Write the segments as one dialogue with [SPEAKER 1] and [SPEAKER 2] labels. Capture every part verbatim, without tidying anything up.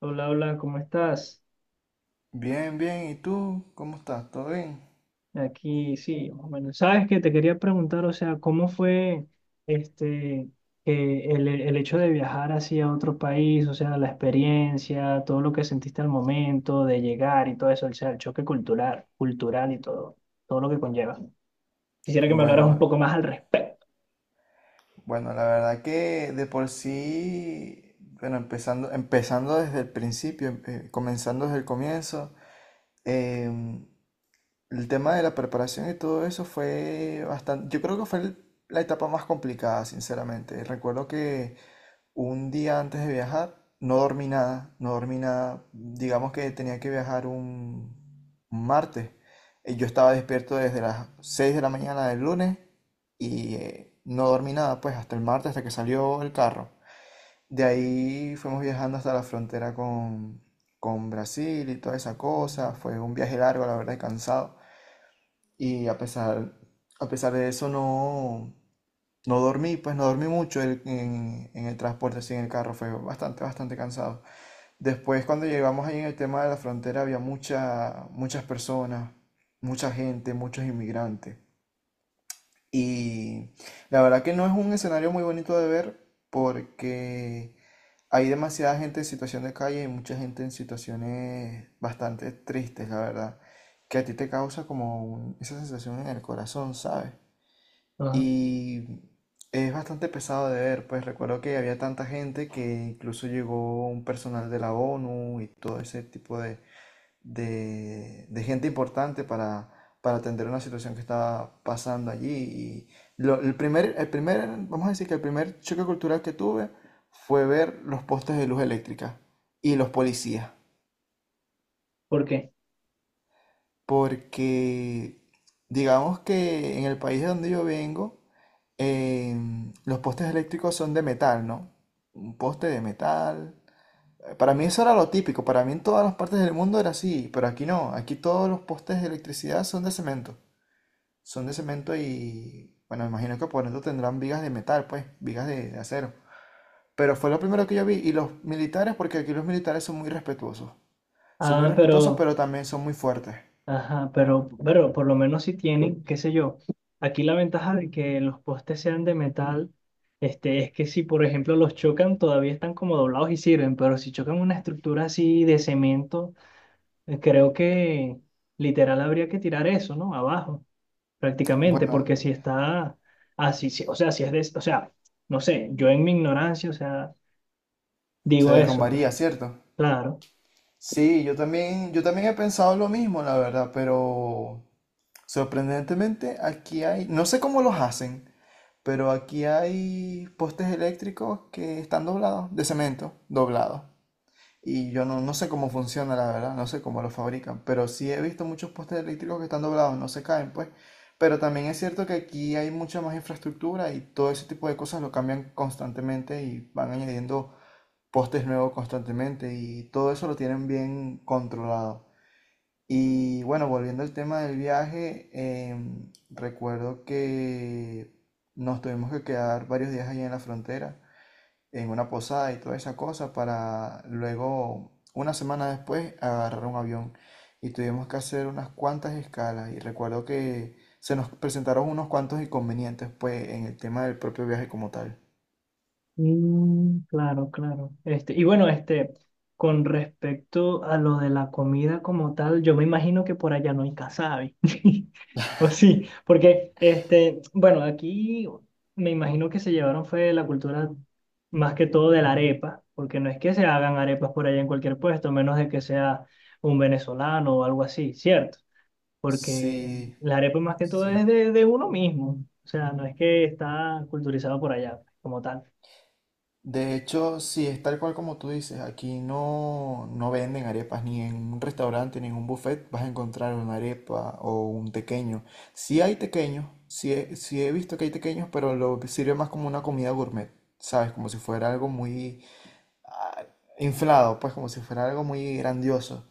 [SPEAKER 1] Hola, hola, ¿cómo estás?
[SPEAKER 2] Bien, bien. ¿Y tú? ¿Cómo estás? ¿Todo bien?
[SPEAKER 1] Aquí sí, más o menos. Sabes que te quería preguntar, o sea, ¿cómo fue este que el, el hecho de viajar hacia otro país, o sea, la experiencia, todo lo que sentiste al momento de llegar y todo eso, o sea, el choque cultural, cultural y todo, todo lo que conlleva? Quisiera que me hablaras un
[SPEAKER 2] Bueno,
[SPEAKER 1] poco más al respecto.
[SPEAKER 2] bueno, la verdad que de por sí, bueno, empezando, empezando desde el principio, em- eh, comenzando desde el comienzo, em, el tema de la preparación y todo eso fue bastante, yo creo que fue el- la etapa más complicada, sinceramente. Recuerdo que un día antes de viajar, no dormí nada, no dormí nada. Digamos que tenía que viajar un, un martes. Y yo estaba despierto desde las seis de la mañana del lunes y eh, no dormí nada, pues hasta el martes, hasta que salió el carro. De ahí fuimos viajando hasta la frontera con, con Brasil y toda esa cosa. Fue un viaje largo, la verdad, y cansado. Y a pesar, a pesar de eso, no, no dormí, pues no dormí mucho el- en, en el transporte, así en el carro, fue bastante, bastante cansado. Después, cuando llegamos ahí en el tema de la frontera, había mucha, muchas personas, mucha gente, muchos inmigrantes. Y la verdad que no es un escenario muy bonito de ver porque hay demasiada gente en situación de calle y mucha gente en situaciones bastante tristes, la verdad, que a ti te causa como un- esa sensación en el corazón, ¿sabes?
[SPEAKER 1] Ajá.
[SPEAKER 2] Y es bastante pesado de ver, pues recuerdo que había tanta gente que incluso llegó un personal de la O N U y todo ese tipo de, de, de gente importante para, para atender una situación que estaba pasando allí. Y lo- el primer, el primer, vamos a decir que el primer choque cultural que tuve fue ver los postes de luz eléctrica y los policías,
[SPEAKER 1] ¿Por qué?
[SPEAKER 2] porque digamos que en el país de donde yo vengo, em, los postes eléctricos son de metal, ¿no? Un poste de metal. Eh, Para mí eso era lo típico, para mí en todas las partes del mundo era así, pero aquí no, aquí todos los postes de electricidad son de cemento, son de cemento y, bueno, me imagino que por dentro tendrán vigas de metal, pues, vigas de, de acero. Pero fue lo primero que yo vi, y los militares, porque aquí los militares son muy respetuosos, son muy
[SPEAKER 1] Ah,
[SPEAKER 2] respetuosos,
[SPEAKER 1] pero
[SPEAKER 2] pero también son muy fuertes.
[SPEAKER 1] ajá, pero, pero por lo menos si tienen, qué sé yo, aquí la ventaja de que los postes sean de metal, este, es que si por ejemplo los chocan, todavía están como doblados y sirven, pero si chocan una estructura así de cemento, eh, creo que literal habría que tirar eso, ¿no? Abajo, prácticamente,
[SPEAKER 2] Bueno,
[SPEAKER 1] porque si está así, si- o sea, si es de, o sea, no sé, yo en mi ignorancia, o sea,
[SPEAKER 2] se
[SPEAKER 1] digo eso, pues,
[SPEAKER 2] derrumbaría, ¿cierto?
[SPEAKER 1] claro.
[SPEAKER 2] Sí, yo también, yo también he pensado lo mismo, la verdad, pero sorprendentemente, aquí hay, no sé cómo los hacen, pero aquí hay postes eléctricos que están doblados, de cemento, doblados. Y yo no, no sé cómo funciona, la verdad, no sé cómo los fabrican, pero sí he visto muchos postes eléctricos que están doblados, no se caen, pues. Pero también es cierto que aquí hay mucha más infraestructura y todo ese tipo de cosas lo cambian constantemente y van añadiendo postes nuevos constantemente y todo eso lo tienen bien controlado. Y bueno, volviendo al tema del viaje, em, recuerdo que nos tuvimos que quedar varios días allí en la frontera, en una posada y toda esa cosa, para luego, una semana después, agarrar un avión. Y tuvimos que hacer unas cuantas escalas. Y recuerdo que se nos presentaron unos cuantos inconvenientes, pues, en el tema del propio viaje como tal.
[SPEAKER 1] Mm, claro, claro. Este, y bueno, este, con respecto a lo de la comida como tal, yo me imagino que por allá no hay casabe. O sí, porque este, bueno, aquí me imagino que se llevaron fue la cultura más que todo de la arepa, porque no es que se hagan arepas por allá en cualquier puesto, a menos de que sea un venezolano o algo así, ¿cierto? Porque
[SPEAKER 2] Sí,
[SPEAKER 1] la arepa más que todo
[SPEAKER 2] sí.
[SPEAKER 1] es de, de uno mismo. O sea, no es que está culturizado por allá pues, como tal.
[SPEAKER 2] De hecho, sí, es tal cual como tú dices, aquí no, no venden arepas, ni en un restaurante, ni en un buffet vas a encontrar una arepa o un tequeño. Sí hay tequeños, sí he, sí he visto que hay tequeños, pero lo sirve más como una comida gourmet, ¿sabes? Como si fuera algo muy ah, inflado, pues como si fuera algo muy grandioso.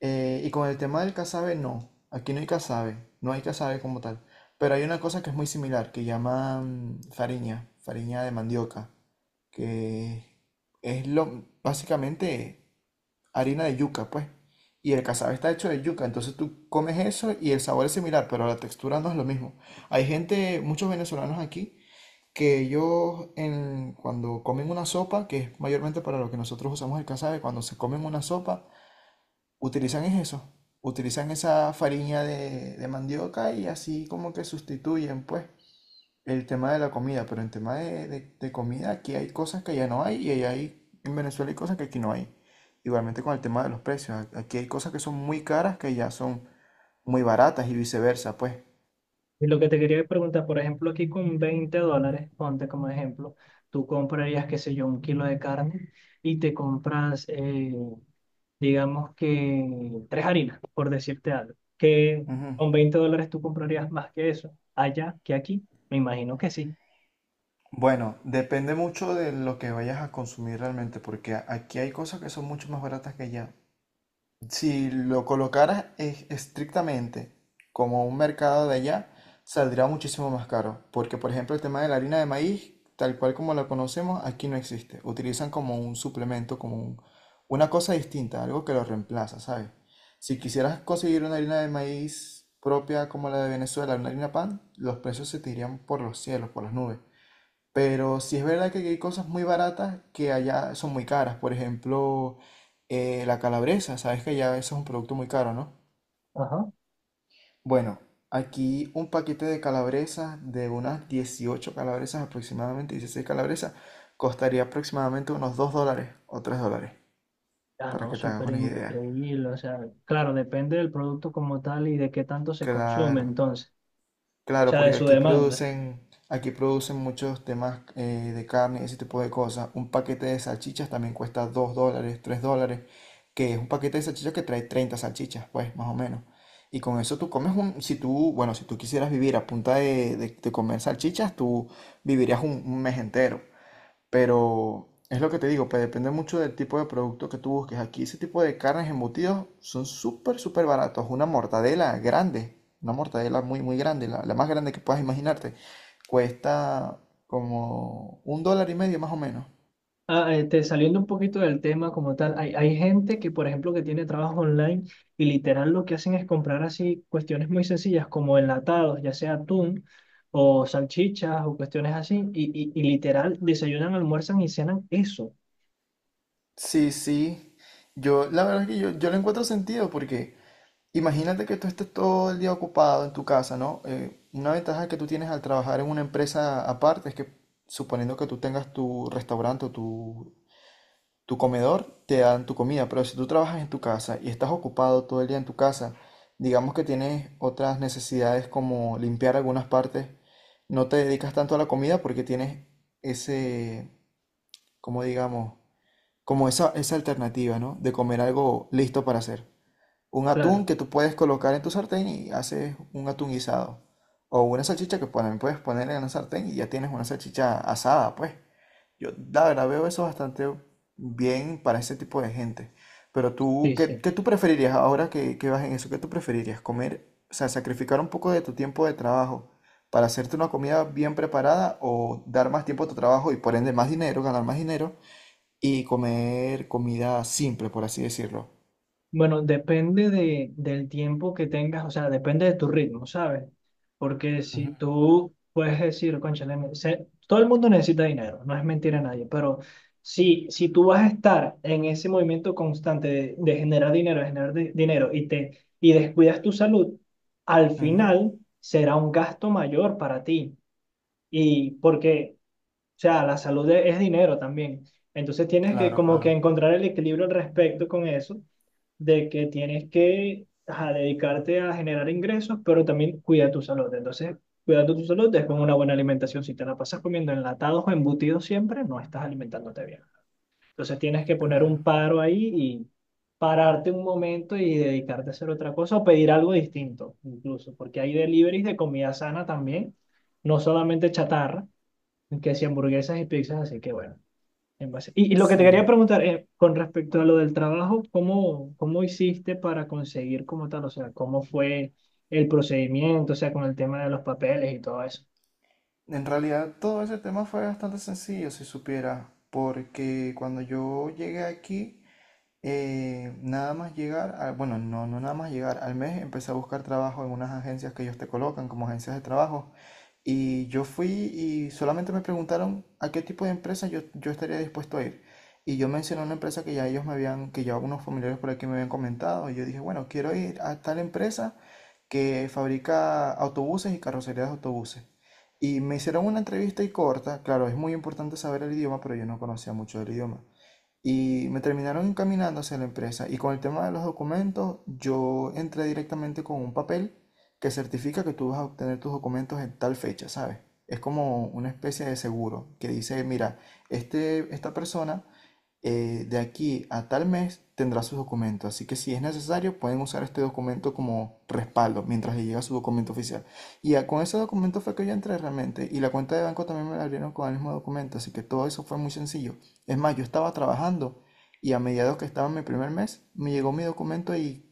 [SPEAKER 2] Eh, y con el tema del casabe, no, aquí no hay casabe, no hay casabe como tal, pero hay una cosa que es muy similar, que llaman fariña, fariña de mandioca que es lo, básicamente harina de yuca, pues. Y el casabe está hecho de yuca, entonces tú comes eso y el sabor es similar, pero la textura no es lo mismo. Hay gente, muchos venezolanos aquí, que ellos en- cuando comen una sopa, que es mayormente para lo que nosotros usamos el casabe, cuando se comen una sopa, utilizan es eso, utilizan esa farina de, de mandioca y así como que sustituyen, pues. El tema de la comida, pero en tema de, de- de comida, aquí hay cosas que allá no hay y allá hay, en Venezuela hay cosas que aquí no hay. Igualmente con el tema de los precios, a- aquí hay cosas que son muy caras que allá son muy baratas y viceversa, pues.
[SPEAKER 1] Y lo que te quería preguntar, por ejemplo, aquí con veinte dólares, ponte como ejemplo, tú comprarías, qué sé yo, un kilo de carne y te compras, eh, digamos que tres harinas, por decirte algo, que
[SPEAKER 2] Ujú.
[SPEAKER 1] con veinte dólares tú comprarías más que eso, allá que aquí, me imagino que sí.
[SPEAKER 2] Bueno, depende mucho de lo que vayas a consumir realmente, porque a- aquí hay cosas que son mucho más baratas que allá. Si lo colocaras es- estrictamente como un mercado de allá, saldrá muchísimo más caro. Porque, por ejemplo, el tema de la harina de maíz, tal cual como la conocemos, aquí no existe. Utilizan como un suplemento, como un- una cosa distinta, algo que lo reemplaza, ¿sabes? Si quisieras conseguir una harina de maíz propia como la de Venezuela, una harina pan, los precios se te irían por los cielos, por las nubes. Pero sí es verdad que aquí hay cosas muy baratas que allá son muy caras. Por ejemplo, eh, la calabresa. Sabes que allá eso es un producto muy caro, ¿no?
[SPEAKER 1] Ajá.
[SPEAKER 2] Bueno, aquí un paquete de calabresas, de unas dieciocho calabresas aproximadamente, dieciséis calabresas, costaría aproximadamente unos dos dólares o tres dólares,
[SPEAKER 1] Ah,
[SPEAKER 2] para
[SPEAKER 1] no,
[SPEAKER 2] que te hagas
[SPEAKER 1] súper
[SPEAKER 2] una idea.
[SPEAKER 1] increíble, o sea, claro, depende del producto como tal y de qué tanto se consume,
[SPEAKER 2] Claro,
[SPEAKER 1] entonces, o
[SPEAKER 2] claro,
[SPEAKER 1] sea, de
[SPEAKER 2] porque
[SPEAKER 1] su
[SPEAKER 2] aquí
[SPEAKER 1] demanda.
[SPEAKER 2] producen, aquí producen muchos temas eh, de carne, ese tipo de cosas. Un paquete de salchichas también cuesta dos dólares, tres dólares, que es un paquete de salchichas que trae treinta salchichas, pues, más o menos. Y con eso tú comes un, si tú, bueno, si tú quisieras vivir a punta de, de- de comer salchichas, tú vivirías un, un mes entero. Pero es lo que te digo, pues depende mucho del tipo de producto que tú busques. Aquí ese tipo de carnes embutidos son súper, súper baratos. Una mortadela grande, una mortadela muy, muy grande, la, la más grande que puedas imaginarte, cuesta como un dólar y medio más o menos.
[SPEAKER 1] Ah, este, saliendo un poquito del tema como tal, hay, hay gente que, por ejemplo, que tiene trabajo online y literal lo que hacen es comprar así cuestiones muy sencillas como enlatados, ya sea atún o salchichas o cuestiones así, y, y, y literal desayunan, almuerzan y cenan eso.
[SPEAKER 2] Sí, sí. Yo, la verdad es que yo, yo le encuentro sentido porque imagínate que tú estés todo el día ocupado en tu casa, ¿no? Eh, una ventaja que tú tienes al trabajar en una empresa aparte es que suponiendo que tú tengas tu restaurante o tu tu comedor, te dan tu comida, pero si tú trabajas en tu casa y estás ocupado todo el día en tu casa, digamos que tienes otras necesidades como limpiar algunas partes, no te dedicas tanto a la comida porque tienes ese, como digamos, como esa, esa alternativa, ¿no? De comer algo listo para hacer. Un atún
[SPEAKER 1] Claro,
[SPEAKER 2] que tú puedes colocar en tu sartén y haces un atún guisado. O una salchicha que pone- puedes poner en la sartén y ya tienes una salchicha asada, pues. Yo, la verdad, veo eso bastante bien para ese tipo de gente. Pero tú,
[SPEAKER 1] sí,
[SPEAKER 2] ¿qué,
[SPEAKER 1] sí.
[SPEAKER 2] qué tú preferirías ahora que, que vas en eso? ¿Qué tú preferirías? ¿Comer, o sea, sacrificar un poco de tu tiempo de trabajo para hacerte una comida bien preparada o dar más tiempo a tu trabajo y por ende más dinero, ganar más dinero y comer comida simple, por así decirlo?
[SPEAKER 1] Bueno, depende de, del tiempo que tengas, o sea, depende de tu ritmo, ¿sabes? Porque
[SPEAKER 2] Ujú.
[SPEAKER 1] si tú puedes decir, cónchale, me- se- todo el mundo necesita dinero, no es mentira a nadie, pero si, si tú vas a estar en ese movimiento constante de, de generar dinero, de generar di- dinero y, te, y descuidas tu salud, al
[SPEAKER 2] Ujú,
[SPEAKER 1] final será un gasto mayor para ti. Y porque, o sea, la salud es es dinero también. Entonces tienes que
[SPEAKER 2] claro,
[SPEAKER 1] como que
[SPEAKER 2] claro,
[SPEAKER 1] encontrar el equilibrio al respecto con eso de que tienes que ajá, dedicarte a generar ingresos, pero también cuida tu salud. Entonces, cuidando tu salud es con una buena alimentación. Si te la pasas comiendo enlatados o embutidos siempre, no estás alimentándote bien. Entonces, tienes que poner
[SPEAKER 2] claro.
[SPEAKER 1] un paro ahí y pararte un momento y dedicarte a hacer otra cosa o pedir algo distinto, incluso, porque hay deliveries de comida sana también, no solamente chatarra, que si hamburguesas y pizzas, así que bueno. En base- Y, y lo que te quería
[SPEAKER 2] Sí.
[SPEAKER 1] preguntar eh, con respecto a lo del trabajo, ¿cómo, cómo hiciste para conseguir como tal? O sea, ¿cómo fue el procedimiento? O sea, con el tema de los papeles y todo eso.
[SPEAKER 2] En realidad todo ese tema fue bastante sencillo, si supiera, porque cuando yo llegué aquí, Eh, nada más llegar, a- bueno, no, no nada más llegar, al mes empecé a buscar trabajo en unas agencias que ellos te colocan como agencias de trabajo. Y yo fui y solamente me preguntaron a qué tipo de empresa yo, yo estaría dispuesto a ir. Y yo mencioné una empresa que ya ellos me habían, que ya algunos familiares por aquí me habían comentado. Y yo dije, bueno, quiero ir a tal empresa que fabrica autobuses y carrocerías de autobuses. Y me hicieron una entrevista y corta, claro, es muy importante saber el idioma, pero yo no conocía mucho del idioma. Y me terminaron encaminando hacia la empresa. Y con el tema de los documentos, yo entré directamente con un papel que certifica que tú vas a obtener tus documentos en tal fecha, ¿sabes? Es como una especie de seguro que dice, mira, este, esta persona eh, de aquí a tal mes tendrá sus documentos. Así que si es necesario, pueden usar este documento como respaldo mientras le llega su documento oficial. Y ya con ese documento fue que yo entré realmente. Y la cuenta de banco también me la abrieron con el mismo documento. Así que todo eso fue muy sencillo. Es más, yo estaba trabajando y a mediados que estaba en mi primer mes, me llegó mi documento y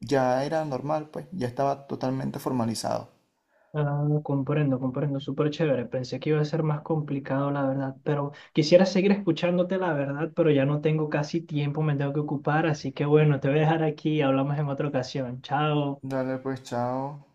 [SPEAKER 2] ya era normal, pues ya estaba totalmente formalizado.
[SPEAKER 1] Ah, comprendo, comprendo, súper chévere. Pensé que iba a ser más complicado, la verdad, pero quisiera seguir escuchándote, la verdad, pero ya no tengo casi tiempo, me tengo que ocupar, así que bueno, te voy a dejar aquí, hablamos en otra ocasión. Chao.
[SPEAKER 2] Dale, pues chao.